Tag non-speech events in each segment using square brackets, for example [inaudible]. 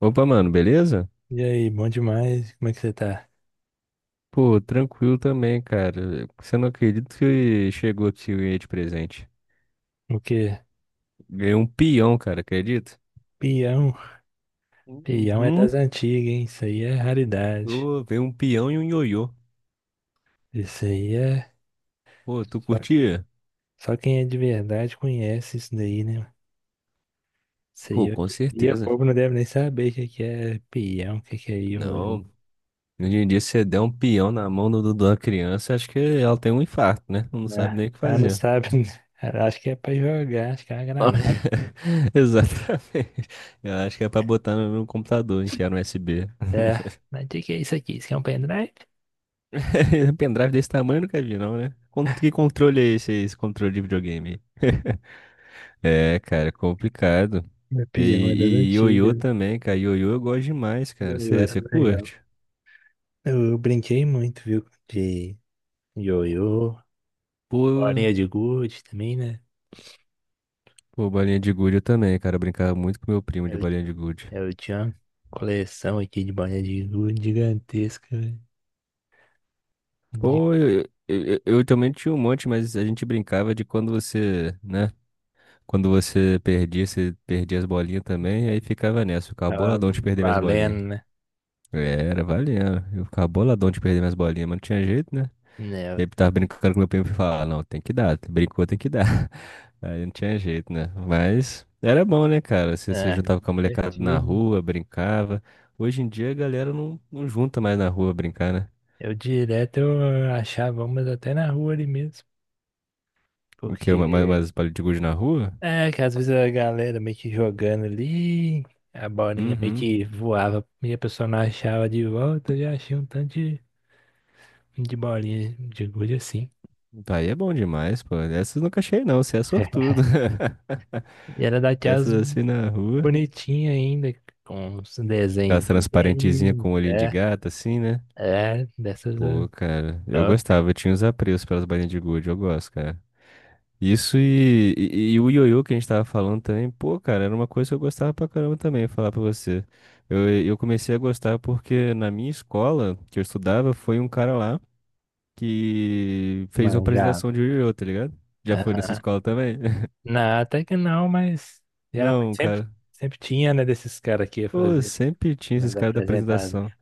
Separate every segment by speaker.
Speaker 1: Opa, mano, beleza?
Speaker 2: E aí, bom demais? Como é que você tá?
Speaker 1: Pô, tranquilo também, cara. Você não acredita que chegou aqui o de presente?
Speaker 2: O quê?
Speaker 1: Ganhei um peão, cara, acredita?
Speaker 2: Peão? Peão é
Speaker 1: Uhum.
Speaker 2: das antigas, hein? Isso aí é raridade.
Speaker 1: Pô, veio um peão e um ioiô.
Speaker 2: Isso aí é.
Speaker 1: Pô, tu
Speaker 2: Só,
Speaker 1: curtia?
Speaker 2: só quem é de verdade conhece isso daí, né? Isso aí
Speaker 1: Pô, com
Speaker 2: hoje em dia o
Speaker 1: certeza.
Speaker 2: povo não deve nem saber o que que é peão, o que que é ioiô.
Speaker 1: Não. Hoje em dia, se você der um peão na mão da criança, acho que ela tem um infarto, né? Não sabe
Speaker 2: Né?
Speaker 1: nem o que
Speaker 2: Ah, não
Speaker 1: fazer.
Speaker 2: sabe. [laughs] Acho que é pra jogar, acho que é uma granada.
Speaker 1: [laughs] Exatamente. Eu acho que é pra botar no computador, enfiar no USB.
Speaker 2: É. Mas o que que é isso aqui? Isso aqui é um pendrive?
Speaker 1: [laughs] Pendrive desse tamanho eu nunca vi, não, né? Que controle é esse, aí, esse controle de videogame? [laughs] É, cara, complicado.
Speaker 2: É
Speaker 1: E,
Speaker 2: peão, é das
Speaker 1: e ioiô
Speaker 2: antigas.
Speaker 1: também, cara. Ioiô eu gosto demais, cara.
Speaker 2: Ioiô era
Speaker 1: Você
Speaker 2: mais legal.
Speaker 1: curte?
Speaker 2: Eu brinquei muito, viu? De ioiô.
Speaker 1: Pô,
Speaker 2: Bolinha de gude também, né?
Speaker 1: pô, bolinha de gude eu também, cara. Eu brincava muito com meu primo de
Speaker 2: Eu,
Speaker 1: bolinha de gude.
Speaker 2: eu tinha uma coleção aqui de bolinha de gude gigantesca, velho. De
Speaker 1: Pô, eu também tinha um monte, mas a gente brincava de quando você, né? Quando você perdia as bolinhas também, aí ficava nessa, ficava
Speaker 2: ficava
Speaker 1: boladão de perder minhas bolinhas.
Speaker 2: valendo, né?
Speaker 1: Era, valia. Eu ficava boladão de perder minhas bolinhas, mas não tinha jeito, né? E aí
Speaker 2: Né.
Speaker 1: eu tava brincando com meu primo e falava, ah, não, tem que dar, brincou, tem que dar. [laughs] Aí não tinha jeito, né? Mas era bom, né, cara? Você se
Speaker 2: É, é
Speaker 1: juntava com a molecada na
Speaker 2: divertido.
Speaker 1: rua, brincava. Hoje em dia a galera não junta mais na rua brincar, né?
Speaker 2: Eu direto eu achava umas até na rua ali mesmo,
Speaker 1: O quê?
Speaker 2: porque
Speaker 1: Mais palito de gude na rua?
Speaker 2: é que às vezes a galera meio que jogando ali, a bolinha meio
Speaker 1: Uhum.
Speaker 2: que voava e a pessoa não achava de volta, eu já achei um tanto de bolinha de gude assim.
Speaker 1: Aí é bom demais, pô. Essas eu nunca achei, não. Você é
Speaker 2: [laughs]
Speaker 1: sortudo.
Speaker 2: E era
Speaker 1: [laughs]
Speaker 2: daquelas
Speaker 1: Essas assim na rua.
Speaker 2: bonitinha ainda, com os
Speaker 1: Aquelas
Speaker 2: desenhos de
Speaker 1: transparentezinhas
Speaker 2: tênis,
Speaker 1: com olhinho de
Speaker 2: é,
Speaker 1: gato, assim, né?
Speaker 2: é, dessas é,
Speaker 1: Pô, cara, eu
Speaker 2: top,
Speaker 1: gostava, eu tinha os apreços pelas bainhas de gude, eu gosto, cara. Isso e o ioiô que a gente tava falando também, pô, cara, era uma coisa que eu gostava pra caramba também, falar pra você. Eu comecei a gostar porque na minha escola, que eu estudava, foi um cara lá que fez uma apresentação
Speaker 2: manjava.
Speaker 1: de ioiô, tá ligado? Já foi nessa
Speaker 2: Ah,
Speaker 1: escola também? [laughs]
Speaker 2: não, até que não, mas geralmente
Speaker 1: Não,
Speaker 2: sempre,
Speaker 1: cara.
Speaker 2: sempre tinha, né, desses caras que ia
Speaker 1: Pô,
Speaker 2: fazer
Speaker 1: sempre tinha esses
Speaker 2: umas
Speaker 1: caras da
Speaker 2: apresentadas.
Speaker 1: apresentação.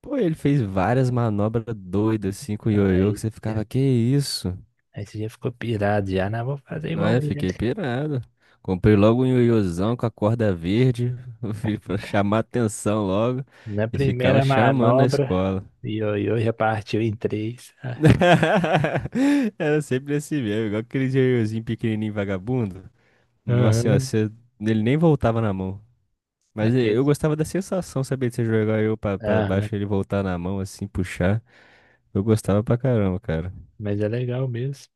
Speaker 1: Pô, ele fez várias manobras doidas assim com o ioiô, que
Speaker 2: Aí,
Speaker 1: você
Speaker 2: é,
Speaker 1: ficava, que isso?
Speaker 2: aí você já ficou pirado, já, não, vou fazer
Speaker 1: Não
Speaker 2: igual
Speaker 1: é?
Speaker 2: ele.
Speaker 1: Fiquei pirado. Comprei logo um ioiôzão com a corda verde, [laughs] vi pra chamar atenção logo,
Speaker 2: Na
Speaker 1: e
Speaker 2: primeira
Speaker 1: ficava chamando na
Speaker 2: manobra,
Speaker 1: escola.
Speaker 2: ioiô já partiu em três. Ah,
Speaker 1: [laughs] Era sempre assim mesmo, igual aquele ioiôzinho pequenininho vagabundo. Nossa senhora,
Speaker 2: aham,
Speaker 1: você... ele nem voltava na mão. Mas eu
Speaker 2: aqueles.
Speaker 1: gostava da sensação, sabia, de você jogar eu pra baixo e
Speaker 2: Aham,
Speaker 1: ele voltar na mão, assim, puxar. Eu gostava pra caramba, cara.
Speaker 2: mas é legal mesmo.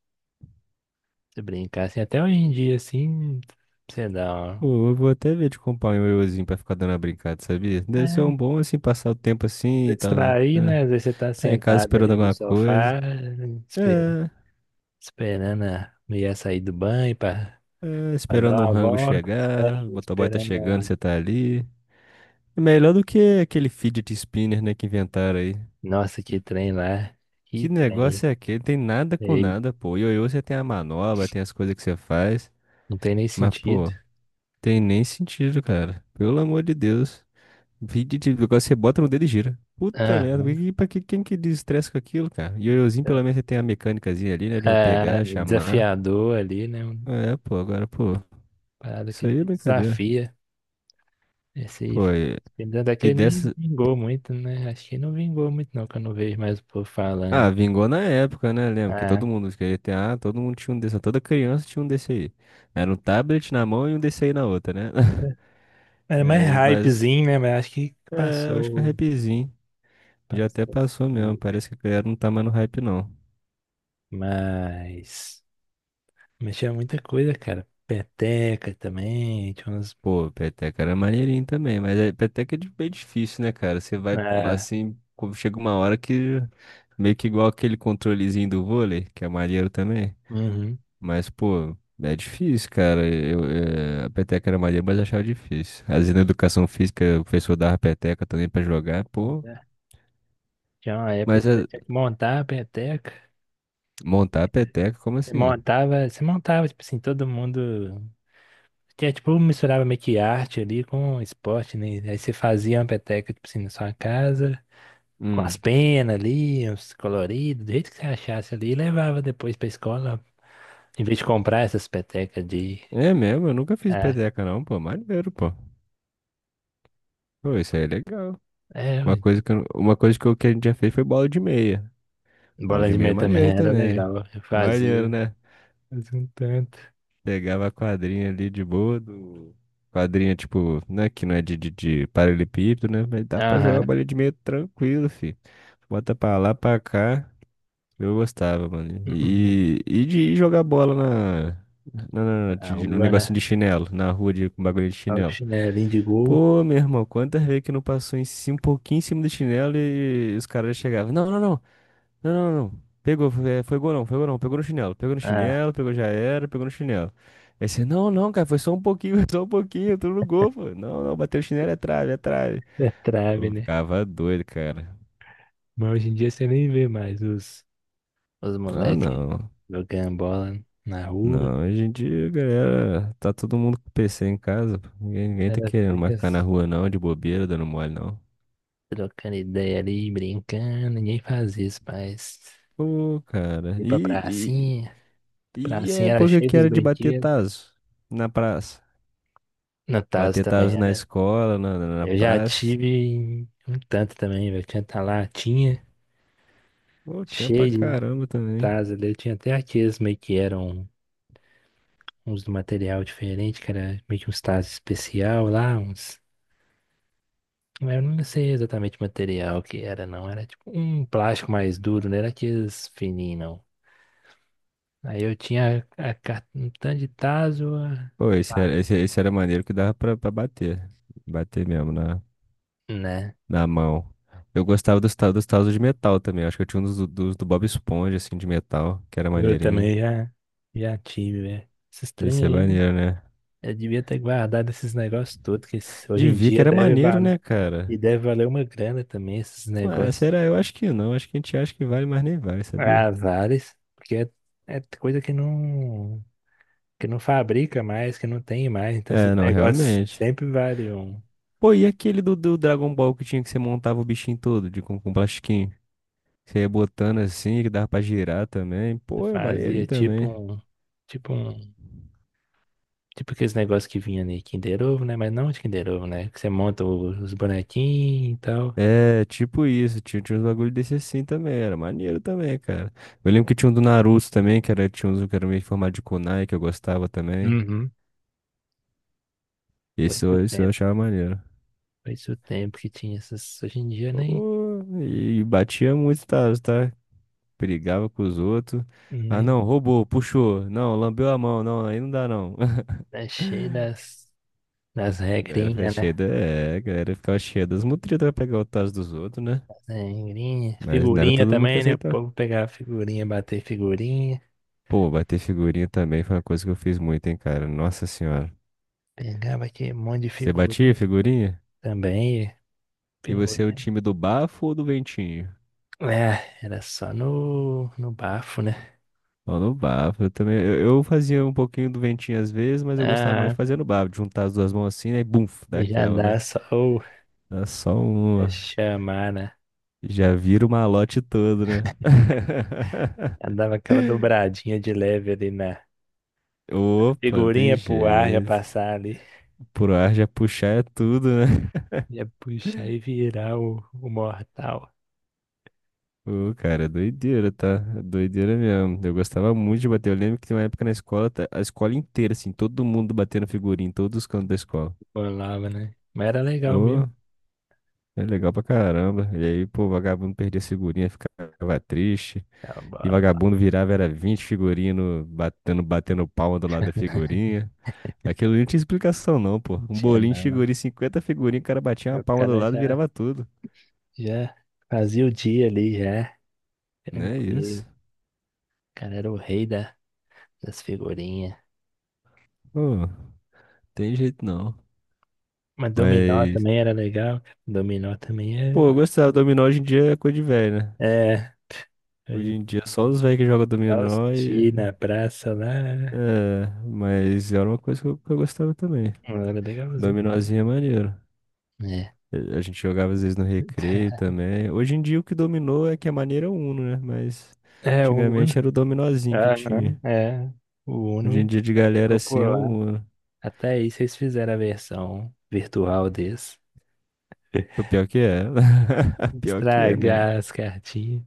Speaker 2: Se brincar assim, até hoje em dia, assim, você dá uma.
Speaker 1: Pô, eu vou até ver de comprar um ioiôzinho pra ficar dando uma brincada, sabia? Deve ser um
Speaker 2: É,
Speaker 1: bom, assim, passar o tempo assim
Speaker 2: pra
Speaker 1: e tá.
Speaker 2: distrair, né? Às vezes você tá
Speaker 1: Tá em casa
Speaker 2: sentado
Speaker 1: esperando
Speaker 2: ali no
Speaker 1: alguma coisa.
Speaker 2: sofá, espe-
Speaker 1: É,
Speaker 2: esperando a mulher sair do banho pra,
Speaker 1: é,
Speaker 2: pra
Speaker 1: esperando
Speaker 2: dar
Speaker 1: um
Speaker 2: uma
Speaker 1: rango
Speaker 2: volta, é,
Speaker 1: chegar. O motoboy tá
Speaker 2: esperando
Speaker 1: chegando,
Speaker 2: uma.
Speaker 1: você tá ali. É melhor do que aquele fidget spinner, né, que inventaram aí.
Speaker 2: Nossa, que trem lá. Que
Speaker 1: Que
Speaker 2: trem.
Speaker 1: negócio é aquele? Tem nada com
Speaker 2: Ei,
Speaker 1: nada, pô. Ioiô, você tem a manobra, tem as coisas que você faz.
Speaker 2: não tem nem
Speaker 1: Mas,
Speaker 2: sentido.
Speaker 1: pô, tem nem sentido, cara. Pelo amor de Deus. Fidget, agora você bota no dedo e gira. Puta
Speaker 2: Ah,
Speaker 1: merda, pra que, quem que desestressa com aquilo, cara? Ioiôzinho, pelo menos, você tem a mecânicazinha ali, né, de eu
Speaker 2: é,
Speaker 1: pegar, chamar.
Speaker 2: desafiador ali, né? Uma
Speaker 1: É, pô, agora, pô,
Speaker 2: parada
Speaker 1: isso
Speaker 2: que
Speaker 1: aí é brincadeira.
Speaker 2: desafia. Esse
Speaker 1: Foi.
Speaker 2: filme até
Speaker 1: E
Speaker 2: que nem
Speaker 1: dessa.
Speaker 2: vingou muito, né? Acho que não vingou muito, não, que eu não vejo mais o povo
Speaker 1: Ah,
Speaker 2: falando.
Speaker 1: vingou na época, né? Lembro que
Speaker 2: Ah,
Speaker 1: todo mundo queria ter, ah, todo mundo tinha um desse, toda criança tinha um desse aí. Era um tablet na mão e um desse aí na outra, né? [laughs]
Speaker 2: era mais
Speaker 1: Mas
Speaker 2: hypezinho, né? Mas acho que
Speaker 1: é, eu acho que é um
Speaker 2: passou.
Speaker 1: hypezinho. Já até
Speaker 2: Passou esse
Speaker 1: passou mesmo.
Speaker 2: hype.
Speaker 1: Parece que a galera não tá mais no hype, não.
Speaker 2: Mas. Mas tinha muita coisa, cara. Peteca também. Tinha uns.
Speaker 1: Pô, peteca era maneirinho também, mas é, peteca é bem difícil, né, cara? Você vai
Speaker 2: Ah,
Speaker 1: assim, quando chega uma hora que meio que igual aquele controlezinho do vôlei, que é maneiro também.
Speaker 2: uhum.
Speaker 1: Mas, pô, é difícil, cara. Eu, a peteca era maneira, mas achava difícil. Às vezes na educação física, o professor dava peteca também pra jogar, pô.
Speaker 2: Tinha uma época
Speaker 1: Mas
Speaker 2: que você
Speaker 1: eh,
Speaker 2: tinha que montar a peteca.
Speaker 1: montar a peteca, como assim?
Speaker 2: Tipo assim, todo mundo. Tinha, tipo, misturava meio que arte ali com esporte, né? Aí você fazia uma peteca, tipo assim, na sua casa, com as
Speaker 1: Hum.
Speaker 2: penas ali, uns coloridos, do jeito que você achasse ali, e levava depois pra escola. Em vez de comprar essas petecas de.
Speaker 1: É mesmo, eu nunca fiz
Speaker 2: É,
Speaker 1: peteca não, pô. Maneiro, pô. Pô, isso aí é legal.
Speaker 2: é,
Speaker 1: Uma
Speaker 2: ué.
Speaker 1: coisa que que a gente já fez foi bola de meia. Bola
Speaker 2: Bola
Speaker 1: de
Speaker 2: de
Speaker 1: meia é
Speaker 2: meia também
Speaker 1: maneiro
Speaker 2: era
Speaker 1: também.
Speaker 2: legal.
Speaker 1: Maneiro, né?
Speaker 2: Fazia um tanto.
Speaker 1: Pegava a quadrinha ali de boa do. Quadrinha, tipo, né? Que não é de paralelepípedo, né? Mas dá pra
Speaker 2: Aham.
Speaker 1: jogar
Speaker 2: [laughs]
Speaker 1: bola de meio tranquilo, fi. Bota pra lá, pra cá. Eu gostava, mano.
Speaker 2: Uhum.
Speaker 1: E de jogar bola na.
Speaker 2: A
Speaker 1: No
Speaker 2: rua,
Speaker 1: negocinho
Speaker 2: né?
Speaker 1: de chinelo, na rua de, com bagulho de
Speaker 2: Olha o
Speaker 1: chinelo.
Speaker 2: chinelinho de gol.
Speaker 1: Pô, meu irmão, quantas vezes que não passou em cima, um pouquinho em cima do chinelo e os caras chegavam. Não. Não, não, não. Pegou, foi, é, foi gol não, foi gol não. Pegou no chinelo, pegou no
Speaker 2: Ah,
Speaker 1: chinelo, pegou já era, pegou no chinelo. Aí você, não, não, cara, foi só um pouquinho, [laughs] só um pouquinho, tudo no gol, pô. Não, não, bateu o chinelo, é trave, é trave.
Speaker 2: é trave,
Speaker 1: Eu
Speaker 2: né?
Speaker 1: ficava doido, cara.
Speaker 2: Mas hoje em dia você nem vê mais os
Speaker 1: Ah,
Speaker 2: moleques
Speaker 1: não.
Speaker 2: jogando bola na rua.
Speaker 1: Não, hoje em dia, galera, tá todo mundo com PC em casa. Pô. Ninguém tá
Speaker 2: Ela
Speaker 1: querendo
Speaker 2: fica
Speaker 1: mais ficar na rua, não, de bobeira, dando mole, não.
Speaker 2: trocando ideia ali, brincando. Ninguém faz isso, mas
Speaker 1: Pô, cara.
Speaker 2: ir pra
Speaker 1: E, e,
Speaker 2: pracinha.
Speaker 1: e a
Speaker 2: Pracinha era
Speaker 1: época
Speaker 2: cheia
Speaker 1: que
Speaker 2: dos
Speaker 1: era de bater
Speaker 2: brinquedos.
Speaker 1: tazo na praça.
Speaker 2: No tazo
Speaker 1: Bater
Speaker 2: também
Speaker 1: tazo na
Speaker 2: era.
Speaker 1: escola, na
Speaker 2: Eu já
Speaker 1: praça.
Speaker 2: tive um tanto também, velho. Tinha tá lá, tinha,
Speaker 1: Pô, tinha pra
Speaker 2: cheio
Speaker 1: caramba
Speaker 2: de
Speaker 1: também.
Speaker 2: tazos ali. Eu tinha até aqueles meio que eram uns do material diferente, que era meio que uns tazos especial lá, uns. Eu não sei exatamente o material que era, não. Era tipo um plástico mais duro, não era aqueles fininhos, não. Aí eu tinha um tanto de tazo, a-.
Speaker 1: Pô, esse
Speaker 2: Claro.
Speaker 1: era, esse, esse era maneiro que dava pra bater. Bater mesmo na,
Speaker 2: Né?
Speaker 1: na mão. Eu gostava dos tazos de metal também. Acho que eu tinha um dos do Bob Esponja, assim, de metal, que era
Speaker 2: Eu
Speaker 1: maneirinho.
Speaker 2: também já, já tive, velho. Esses
Speaker 1: Esse
Speaker 2: trem
Speaker 1: é
Speaker 2: aí,
Speaker 1: maneiro, né?
Speaker 2: eu devia ter guardado esses negócios todos, que esse- hoje
Speaker 1: De
Speaker 2: em
Speaker 1: ver que
Speaker 2: dia
Speaker 1: era
Speaker 2: deve
Speaker 1: maneiro,
Speaker 2: valer.
Speaker 1: né,
Speaker 2: E
Speaker 1: cara?
Speaker 2: deve valer uma grana também esses
Speaker 1: Ah,
Speaker 2: negócios.
Speaker 1: será? Eu acho que não. Acho que a gente acha que vale, mas nem vale,
Speaker 2: Ah,
Speaker 1: sabia?
Speaker 2: vários, porque é, é coisa que não fabrica mais, que não tem mais. Então
Speaker 1: É,
Speaker 2: esses
Speaker 1: não,
Speaker 2: negócios
Speaker 1: realmente.
Speaker 2: sempre valiam.
Speaker 1: Pô, e aquele do Dragon Ball que tinha que você montava o bichinho todo, de, com plastiquinho? Você ia botando assim, que dava pra girar também.
Speaker 2: Você
Speaker 1: Pô, é
Speaker 2: fazia
Speaker 1: maneirinho também.
Speaker 2: tipo um tipo aqueles negócios que vinha ali, Kinder Ovo, né? Mas não de Kinder Ovo, né? Que você monta os bonequinhos e tal.
Speaker 1: É, tipo isso, tinha uns bagulho desse assim também, era maneiro também, cara. Eu lembro que tinha um do Naruto também, que era, tinha uns que era meio formado de kunai, que eu gostava também.
Speaker 2: Uhum. Foi isso o
Speaker 1: Esse eu
Speaker 2: tempo,
Speaker 1: achava maneiro.
Speaker 2: foi isso o tempo que tinha essas. Hoje em dia nem
Speaker 1: Pô, e, batia muito, tá? Brigava com os outros. Ah,
Speaker 2: nem
Speaker 1: não, roubou, puxou. Não, lambeu a mão, não, aí não dá não. [laughs]
Speaker 2: tá cheio das
Speaker 1: A galera foi
Speaker 2: regrinhas, né?
Speaker 1: cheia da... É, a galera ficava cheia das mutretas pra pegar o tazo dos outros, né?
Speaker 2: Sangrinha.
Speaker 1: Mas não era
Speaker 2: Figurinha
Speaker 1: todo mundo que
Speaker 2: também, né? O
Speaker 1: aceitava.
Speaker 2: povo pegava figurinha, bater figurinha.
Speaker 1: Pô, bater figurinha também foi uma coisa que eu fiz muito, hein, cara. Nossa senhora.
Speaker 2: Pegava aquele monte de
Speaker 1: Você batia
Speaker 2: figurinha
Speaker 1: figurinha?
Speaker 2: também.
Speaker 1: E você é o
Speaker 2: Figurinha.
Speaker 1: time do bafo ou do ventinho?
Speaker 2: É, era só no bafo, né?
Speaker 1: Ó, no bafo. Eu também. Eu fazia um pouquinho do ventinho às vezes, mas eu gostava mais
Speaker 2: Ah,
Speaker 1: de fazer no bafo. De juntar as duas mãos assim, né? E bum,
Speaker 2: já
Speaker 1: daquela, né?
Speaker 2: dá só o
Speaker 1: Dá só
Speaker 2: é
Speaker 1: uma.
Speaker 2: chamar, né?
Speaker 1: Já vira o malote todo, né?
Speaker 2: Já
Speaker 1: [laughs]
Speaker 2: dava aquela dobradinha de leve ali na
Speaker 1: Opa, não tem
Speaker 2: figurinha pro ar já
Speaker 1: jeito.
Speaker 2: passar ali.
Speaker 1: Pro ar já puxar é tudo, né?
Speaker 2: Ia puxar
Speaker 1: [laughs]
Speaker 2: e virar o mortal.
Speaker 1: Ô, cara, doideira, tá? Doideira mesmo. Eu gostava muito de bater. Eu lembro que tem uma época na escola, a escola inteira, assim, todo mundo batendo figurinha, em todos os cantos da escola.
Speaker 2: Bolava, né? Mas era legal
Speaker 1: Ô,
Speaker 2: mesmo.
Speaker 1: é legal pra caramba. E aí, pô, vagabundo perdia figurinha, ficava triste.
Speaker 2: Tá
Speaker 1: E
Speaker 2: bom.
Speaker 1: vagabundo virava, era 20 figurinhas no- batendo, batendo palma do lado da figurinha. Aquilo ali não tinha explicação, não, pô.
Speaker 2: Não
Speaker 1: Um
Speaker 2: tinha
Speaker 1: bolinho de
Speaker 2: não.
Speaker 1: figurinha, 50 figurinhas, o cara batia
Speaker 2: E
Speaker 1: uma
Speaker 2: o
Speaker 1: palma do
Speaker 2: cara
Speaker 1: lado e
Speaker 2: já.
Speaker 1: virava tudo.
Speaker 2: Já fazia o dia ali, já.
Speaker 1: Não é
Speaker 2: Tranquilo.
Speaker 1: isso.
Speaker 2: O cara era o rei das figurinhas.
Speaker 1: Pô, tem jeito não.
Speaker 2: Mas dominó
Speaker 1: Mas
Speaker 2: também era legal. Dominó também
Speaker 1: pô, eu
Speaker 2: era.
Speaker 1: gostava. Dominó hoje em dia é coisa de velho, né?
Speaker 2: É, a
Speaker 1: Hoje
Speaker 2: gente
Speaker 1: em dia é só os velhos que jogam
Speaker 2: dava os
Speaker 1: dominó e...
Speaker 2: na praça lá.
Speaker 1: É, mas era uma coisa que eu gostava também.
Speaker 2: Era legalzinho.
Speaker 1: Dominózinho é maneiro.
Speaker 2: É.
Speaker 1: A gente jogava às vezes no recreio
Speaker 2: [laughs]
Speaker 1: também. Hoje em dia o que dominou é que a maneira é o Uno, né? Mas
Speaker 2: É, o
Speaker 1: antigamente
Speaker 2: Uno.
Speaker 1: era o dominózinho que
Speaker 2: Aham,
Speaker 1: tinha.
Speaker 2: é. O
Speaker 1: Hoje em
Speaker 2: Uno
Speaker 1: dia de
Speaker 2: é bem
Speaker 1: galera assim é o
Speaker 2: popular.
Speaker 1: Uno.
Speaker 2: Até aí vocês fizeram a versão virtual desse.
Speaker 1: O pior que é. [laughs] Pior que é mesmo.
Speaker 2: Estragar as cartinhas.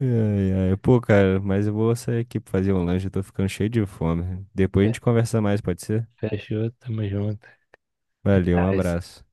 Speaker 1: Ai, ai. Pô, cara, mas eu vou sair aqui pra fazer um lanche. Eu tô ficando cheio de fome. Depois a
Speaker 2: Fe-
Speaker 1: gente conversa mais, pode ser?
Speaker 2: Fechou, tamo junto.
Speaker 1: Valeu, um
Speaker 2: Ah,
Speaker 1: abraço.